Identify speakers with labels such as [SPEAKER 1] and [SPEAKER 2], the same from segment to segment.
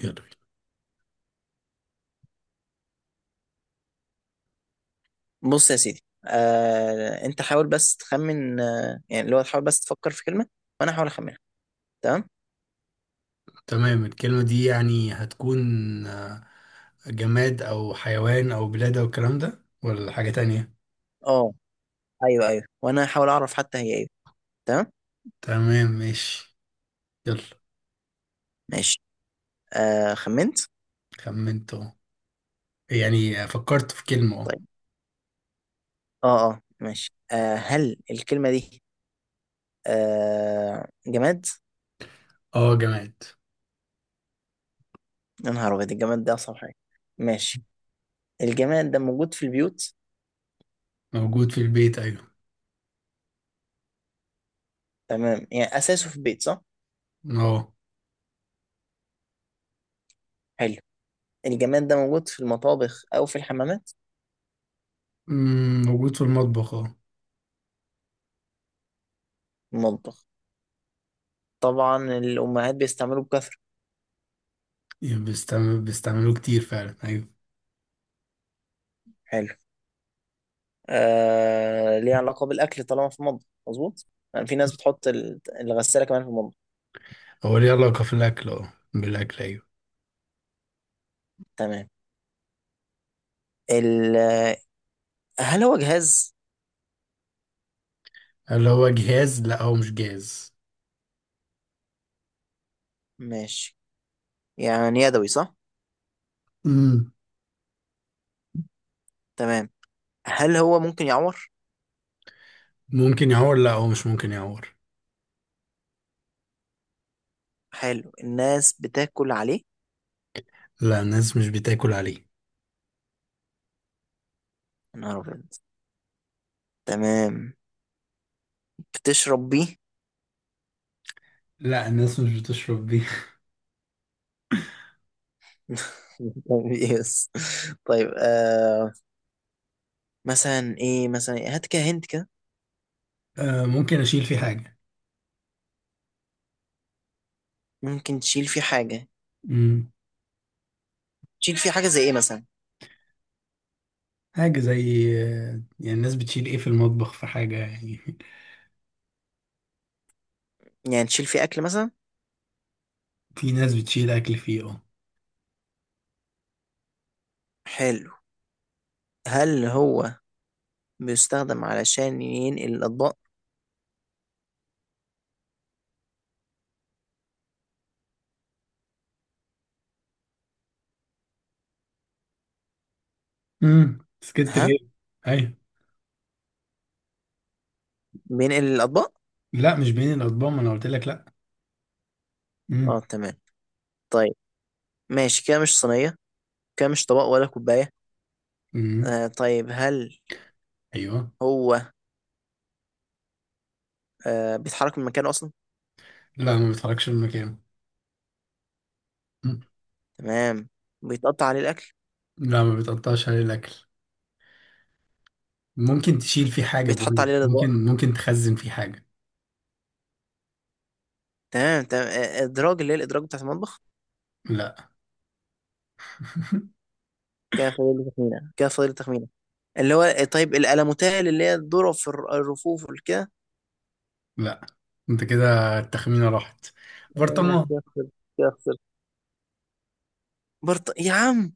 [SPEAKER 1] يلا بينا.
[SPEAKER 2] بص يا سيدي انت حاول بس تخمن يعني اللي هو تحاول بس تفكر في كلمة وانا احاول اخمنها. تمام.
[SPEAKER 1] تمام الكلمة دي يعني هتكون آه، جماد أو حيوان أو بلاد أو الكلام ده ولا حاجة تانية.
[SPEAKER 2] اه، ايوه ايوه وانا احاول اعرف حتى هي ايه. تمام،
[SPEAKER 1] تمام ماشي. يلا.
[SPEAKER 2] ماشي. خمنت.
[SPEAKER 1] خمنت أهو، يعني فكرت في كلمة.
[SPEAKER 2] طيب. اه، اه، ماشي. هل الكلمة دي جماد؟
[SPEAKER 1] أهو أه، جماد
[SPEAKER 2] يا نهار ابيض، الجماد ده اصعب حاجة. ماشي. الجماد ده موجود في البيوت؟
[SPEAKER 1] موجود في البيت، أيوه
[SPEAKER 2] تمام، يعني اساسه في البيت، صح؟
[SPEAKER 1] أه.
[SPEAKER 2] حلو. الجماد ده موجود في المطابخ او في الحمامات؟
[SPEAKER 1] موجود في المطبخ أه.
[SPEAKER 2] المطبخ. طبعا الامهات بيستعملوه بكثرة.
[SPEAKER 1] بيستعملوه كتير فعلا، أيوه.
[SPEAKER 2] حلو. ليها علاقة بالأكل طالما في المطبخ، مظبوط. يعني في ناس بتحط الغسالة كمان في المطبخ.
[SPEAKER 1] هو ليه علاقة في الأكل، بالأكل، أيوه.
[SPEAKER 2] تمام. ال... هل هو جهاز؟
[SPEAKER 1] هل هو جهاز؟ لأ، هو مش جهاز.
[SPEAKER 2] ماشي. يعني يدوي، صح؟
[SPEAKER 1] مم،
[SPEAKER 2] تمام. هل هو ممكن يعور؟
[SPEAKER 1] ممكن يعور؟ لأ، هو مش ممكن يعور.
[SPEAKER 2] حلو. الناس بتاكل عليه؟
[SPEAKER 1] لا، الناس مش بتاكل عليه.
[SPEAKER 2] يا نهار أبيض. تمام. بتشرب بيه؟
[SPEAKER 1] لا، الناس مش بتشرب بيه.
[SPEAKER 2] يس. طيب، مثلا ايه؟ مثلا إيه؟ هات كده، هنت كده.
[SPEAKER 1] ممكن اشيل فيه حاجة.
[SPEAKER 2] ممكن تشيل فيه حاجة؟
[SPEAKER 1] مم.
[SPEAKER 2] تشيل فيه حاجة زي ايه مثلا؟
[SPEAKER 1] حاجة زي يعني الناس بتشيل ايه في المطبخ، في حاجة يعني.
[SPEAKER 2] يعني تشيل فيه أكل مثلا؟
[SPEAKER 1] في ناس بتشيل اكل فيه، اه.
[SPEAKER 2] حلو. هل هو بيستخدم علشان ينقل الأطباق؟
[SPEAKER 1] سكت
[SPEAKER 2] ها،
[SPEAKER 1] ليه. ايوه.
[SPEAKER 2] بينقل الأطباق.
[SPEAKER 1] لا، مش بين الاطباق، ما انا قلت لك لا.
[SPEAKER 2] اه،
[SPEAKER 1] امم.
[SPEAKER 2] تمام. طيب، ماشي. كده مش صينية، كده مش طبق ولا كوباية.
[SPEAKER 1] امم.
[SPEAKER 2] طيب، هل
[SPEAKER 1] ايوه.
[SPEAKER 2] هو بيتحرك من مكانه أصلا؟
[SPEAKER 1] لا، ما بيتحركش من مكانه. مم.
[SPEAKER 2] تمام. بيتقطع عليه الأكل؟
[SPEAKER 1] لا، ما بيتقطعش عليه الاكل. ممكن تشيل فيه حاجة،
[SPEAKER 2] بيتحط
[SPEAKER 1] بقول
[SPEAKER 2] عليه
[SPEAKER 1] لك
[SPEAKER 2] الأطباق؟
[SPEAKER 1] ممكن، ممكن تخزن فيه حاجة.
[SPEAKER 2] تمام، تمام. إدراج، اللي هي الإدراج بتاعت المطبخ.
[SPEAKER 1] لا،
[SPEAKER 2] كده فاضل لي تخمينة، كده فاضل لي تخمينة. اللي هو طيب الألموتال اللي هي الذرة في الرفوف والكده.
[SPEAKER 1] لا. انت كده التخمينة راحت. برطمان.
[SPEAKER 2] كده خسرت، كده خسرت. يا عم.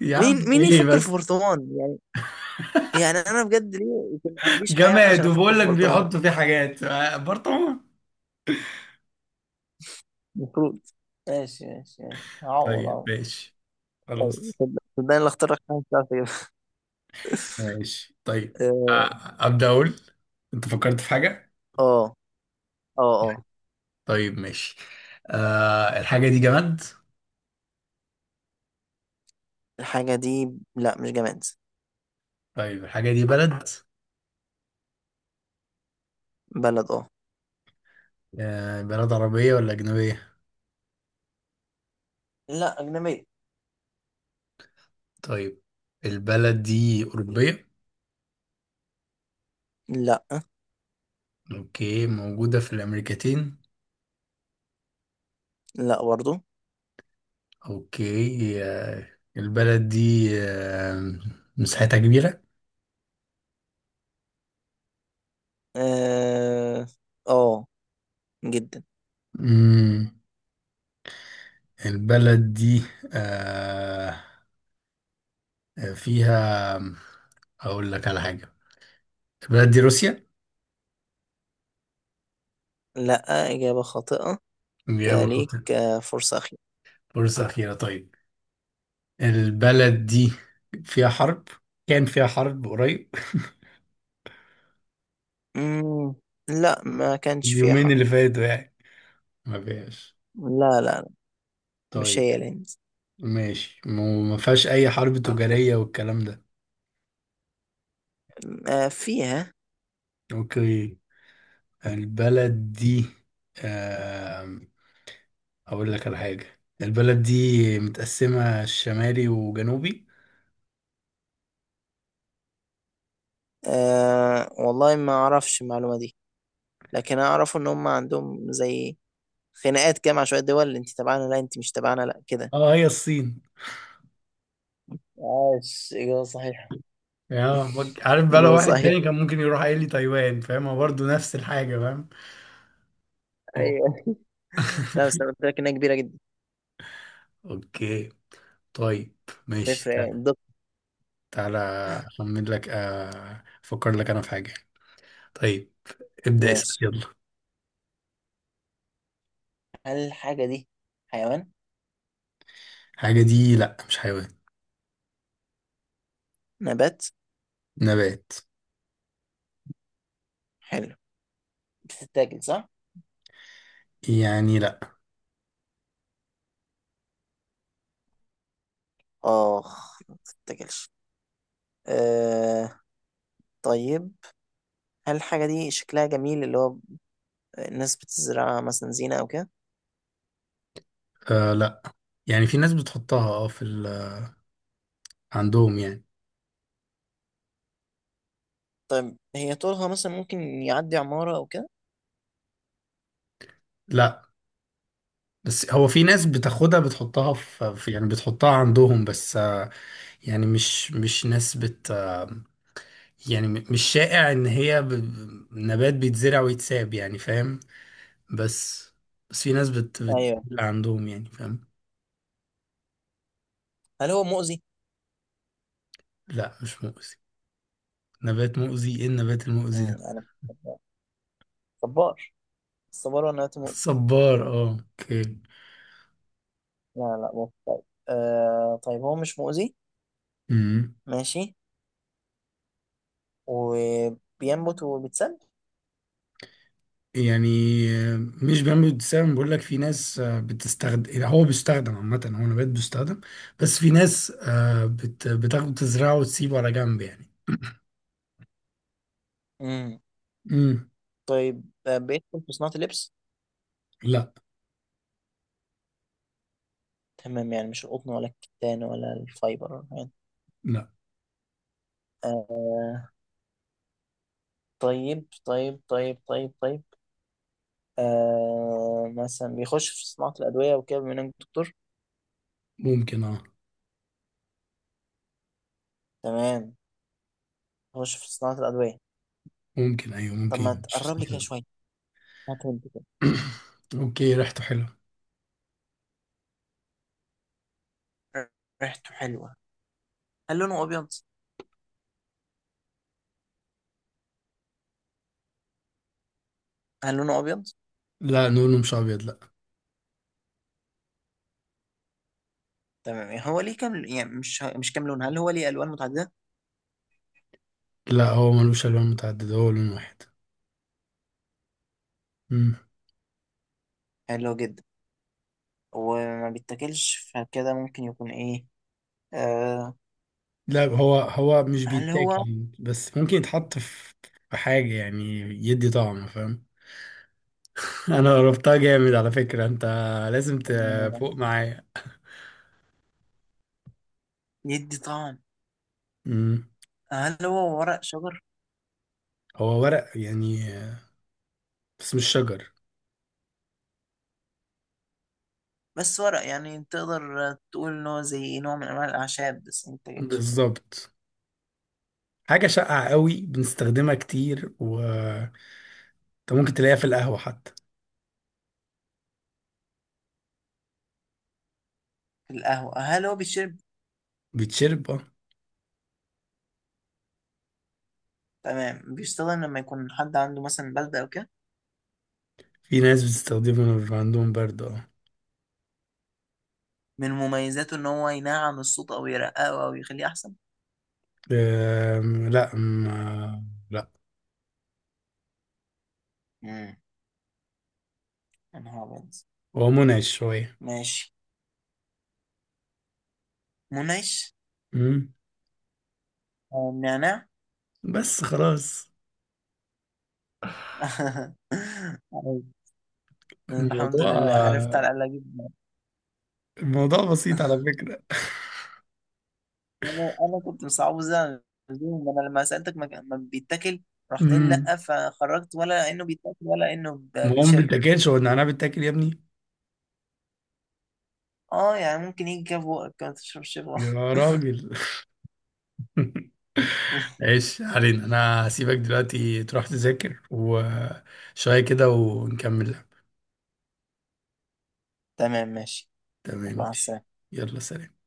[SPEAKER 1] يا عم،
[SPEAKER 2] مين
[SPEAKER 1] ايه
[SPEAKER 2] يفكر في
[SPEAKER 1] بس.
[SPEAKER 2] برطمان يعني؟ يعني انا بجد ليه يكون ما عنديش حياه عشان
[SPEAKER 1] جماد
[SPEAKER 2] افكر
[SPEAKER 1] وبقول
[SPEAKER 2] في
[SPEAKER 1] لك
[SPEAKER 2] برطمان؟
[SPEAKER 1] بيحطوا فيه حاجات، برطمان.
[SPEAKER 2] المفروض. ماشي ماشي ماشي، هعوض
[SPEAKER 1] طيب
[SPEAKER 2] هعوض.
[SPEAKER 1] ماشي، خلاص.
[SPEAKER 2] صدقني، اللي اختار لك حاجه مش عارف اجيبها.
[SPEAKER 1] ماشي طيب. أ- أبدأ أقول. أنت فكرت في حاجة؟
[SPEAKER 2] اه، اه، اه. آه.
[SPEAKER 1] طيب ماشي. أه، الحاجة دي جماد؟
[SPEAKER 2] الحاجه دي، لا مش جماد.
[SPEAKER 1] طيب، الحاجة دي بلد؟
[SPEAKER 2] بلد، اه.
[SPEAKER 1] أه، بلد عربية ولا أجنبية؟
[SPEAKER 2] لا، أجنبية.
[SPEAKER 1] طيب، البلد دي أوروبية؟
[SPEAKER 2] لا،
[SPEAKER 1] أوكي، موجودة في الأمريكتين؟
[SPEAKER 2] لا برضو.
[SPEAKER 1] أوكي، البلد دي مساحتها كبيرة؟
[SPEAKER 2] اه. آه، جدا.
[SPEAKER 1] مم. البلد دي آه آه، فيها أقول لك على حاجة. البلد دي روسيا.
[SPEAKER 2] لا، اجابه خاطئه.
[SPEAKER 1] إجابة
[SPEAKER 2] كليك.
[SPEAKER 1] خاطئة.
[SPEAKER 2] فرصه اخيره.
[SPEAKER 1] فرصة أخيرة، طيب. البلد دي فيها حرب، كان فيها حرب قريب.
[SPEAKER 2] مم. لا، ما كانش فيها
[SPEAKER 1] اليومين
[SPEAKER 2] حرب.
[SPEAKER 1] اللي فاتوا يعني، ما فيهاش.
[SPEAKER 2] لا لا لا، مش
[SPEAKER 1] طيب
[SPEAKER 2] هي الهند؟
[SPEAKER 1] ماشي، ما فيهاش أي حرب تجارية والكلام ده.
[SPEAKER 2] آه، فيها.
[SPEAKER 1] أوكي. البلد دي آم، أقول لك على حاجة، البلد دي متقسمة شمالي وجنوبي.
[SPEAKER 2] أه، والله ما اعرفش المعلومه دي، لكن انا اعرف ان هم عندهم زي خناقات كده مع شويه دول، انت تبعنا، لا انت مش تبعنا، لا كده.
[SPEAKER 1] اه، هي الصين.
[SPEAKER 2] عاش، إجابة صحيحة.
[SPEAKER 1] عارف بقى، لو
[SPEAKER 2] ايوه،
[SPEAKER 1] واحد
[SPEAKER 2] صحيح.
[SPEAKER 1] تاني كان ممكن يروح قايل لي تايوان، فاهم؟ هو برضه نفس الحاجة، فاهم. اه.
[SPEAKER 2] أيوه. لا بس انا قلت لك انها كبيره جدا.
[SPEAKER 1] اوكي. طيب ماشي.
[SPEAKER 2] تفرق يعني
[SPEAKER 1] تعالى
[SPEAKER 2] الدقة.
[SPEAKER 1] تعالى. اخمن لك آه، افكر لك انا في حاجة. طيب ابدأ اسأل،
[SPEAKER 2] ماشي.
[SPEAKER 1] يلا.
[SPEAKER 2] هل الحاجة دي حيوان؟
[SPEAKER 1] الحاجة دي لا، مش حيوان.
[SPEAKER 2] نبات.
[SPEAKER 1] نبات.
[SPEAKER 2] حلو. بتتاكل، صح؟
[SPEAKER 1] يعني لا.
[SPEAKER 2] اخ، ما تتاكلش. أه، طيب. هل الحاجه دي شكلها جميل، اللي هو الناس بتزرعها مثلا زينه او كده؟
[SPEAKER 1] آه، لا. يعني في ناس بتحطها اه في ال... عندهم يعني.
[SPEAKER 2] طيب، هي طولها مثلا ممكن يعدي عمارة أو كده؟
[SPEAKER 1] لا، بس هو في ناس بتاخدها، بتحطها يعني بتحطها عندهم، بس يعني مش ناس بت آه، يعني مش شائع ان هي نبات بيتزرع ويتساب يعني فاهم. بس بس في ناس
[SPEAKER 2] أيوه.
[SPEAKER 1] عندهم يعني فاهم.
[SPEAKER 2] هل هو مؤذي؟
[SPEAKER 1] لا، مش مؤذي. نبات مؤذي، ايه النبات المؤذي ده؟
[SPEAKER 2] أنا، صبار. الصبار ولا نبات مؤذي؟
[SPEAKER 1] صبار، اه. اوكي.
[SPEAKER 2] لا، لا مؤذي، طيب. طيب، هو مش مؤذي.
[SPEAKER 1] امم
[SPEAKER 2] ماشي. وبينبت وبيتسد؟
[SPEAKER 1] يعني مش بامبي، بتستخدم بقول لك، في ناس بتستخدم، هو بيستخدم عامة، هو نبات بيستخدم. بس في ناس بتاخده تزرعه وتسيبه على جنب يعني.
[SPEAKER 2] امم
[SPEAKER 1] امم.
[SPEAKER 2] طيب، بيدخل في صناعة اللبس؟
[SPEAKER 1] لا،
[SPEAKER 2] تمام، يعني مش القطن ولا الكتان ولا الفايبر يعني.
[SPEAKER 1] لا.
[SPEAKER 2] آه طيب طيب طيب طيب طيب. مثلا بيخش في صناعة الأدوية وكده، بما إنك دكتور.
[SPEAKER 1] ممكن اه.
[SPEAKER 2] تمام، بيخش في صناعة الأدوية.
[SPEAKER 1] ممكن ايوه،
[SPEAKER 2] طب
[SPEAKER 1] ممكن
[SPEAKER 2] ما
[SPEAKER 1] مش.
[SPEAKER 2] تقرب لي كده شويه، هات، هنت كده.
[SPEAKER 1] اوكي ريحته حلوة.
[SPEAKER 2] ريحته حلوه. هل لونه ابيض؟ هل لونه ابيض؟
[SPEAKER 1] لا، لونه مش ابيض، لا.
[SPEAKER 2] تمام، يعني هو ليه كام، يعني مش كام لون، هل هو ليه الوان متعدده؟
[SPEAKER 1] لا، هو ملوش الوان متعددة، هو لون واحد. مم.
[SPEAKER 2] حلو جدا. وما بيتاكلش فكده ممكن يكون ايه؟ آه
[SPEAKER 1] لا، هو مش
[SPEAKER 2] هل
[SPEAKER 1] بيتاكل
[SPEAKER 2] هو
[SPEAKER 1] يعني، بس ممكن يتحط في حاجة يعني، يدي طعم فاهم. انا قربتها جامد على فكرة، انت لازم
[SPEAKER 2] آه،
[SPEAKER 1] تفوق معايا.
[SPEAKER 2] يدي طعم؟
[SPEAKER 1] مم.
[SPEAKER 2] هل هو ورق شجر؟
[SPEAKER 1] هو ورق يعني، بس مش شجر.
[SPEAKER 2] بس ورق، يعني تقدر تقول ان هو زي نوع من انواع الاعشاب بس ما بيتاكلش.
[SPEAKER 1] بالظبط. حاجة شائعة قوي بنستخدمها كتير، و انت ممكن تلاقيها في القهوة حتى.
[SPEAKER 2] القهوه، هل هو بيشرب؟
[SPEAKER 1] بتشرب اه.
[SPEAKER 2] تمام، بيستخدم لما يكون حد عنده مثلا بلدة او كده؟
[SPEAKER 1] في ناس بتستخدمه لما بيبقى عندهم برد، اه.
[SPEAKER 2] من مميزاته ان هو ينعم الصوت او يرققه او يخليه احسن؟
[SPEAKER 1] لا ما، لا.
[SPEAKER 2] مم. يا نهار ابيض.
[SPEAKER 1] هو منعش شوية.
[SPEAKER 2] ماشي، منعش.
[SPEAKER 1] أمم،
[SPEAKER 2] نعناع.
[SPEAKER 1] بس خلاص.
[SPEAKER 2] عارف. الحمد
[SPEAKER 1] الموضوع
[SPEAKER 2] لله عرفت على الاقل اجيب.
[SPEAKER 1] الموضوع بسيط على فكرة.
[SPEAKER 2] انا كنت مصعبه، زي ما انا لما سالتك ما بيتاكل. رحت قايل
[SPEAKER 1] أمم،
[SPEAKER 2] لا، فخرجت ولا انه بيتاكل ولا انه
[SPEAKER 1] ما هو ما
[SPEAKER 2] بيتشرب.
[SPEAKER 1] بيتاكلش، هو النعناع بيتاكل يا ابني.
[SPEAKER 2] اه، يعني ممكن يجي كده في بقك، ما تشربش بقك.
[SPEAKER 1] يا راجل. ايش علينا، انا هسيبك دلوقتي تروح تذاكر وشوية كده ونكمل.
[SPEAKER 2] تمام، ماشي. الله
[SPEAKER 1] تمام.
[SPEAKER 2] على السلامة.
[SPEAKER 1] يلا سلام.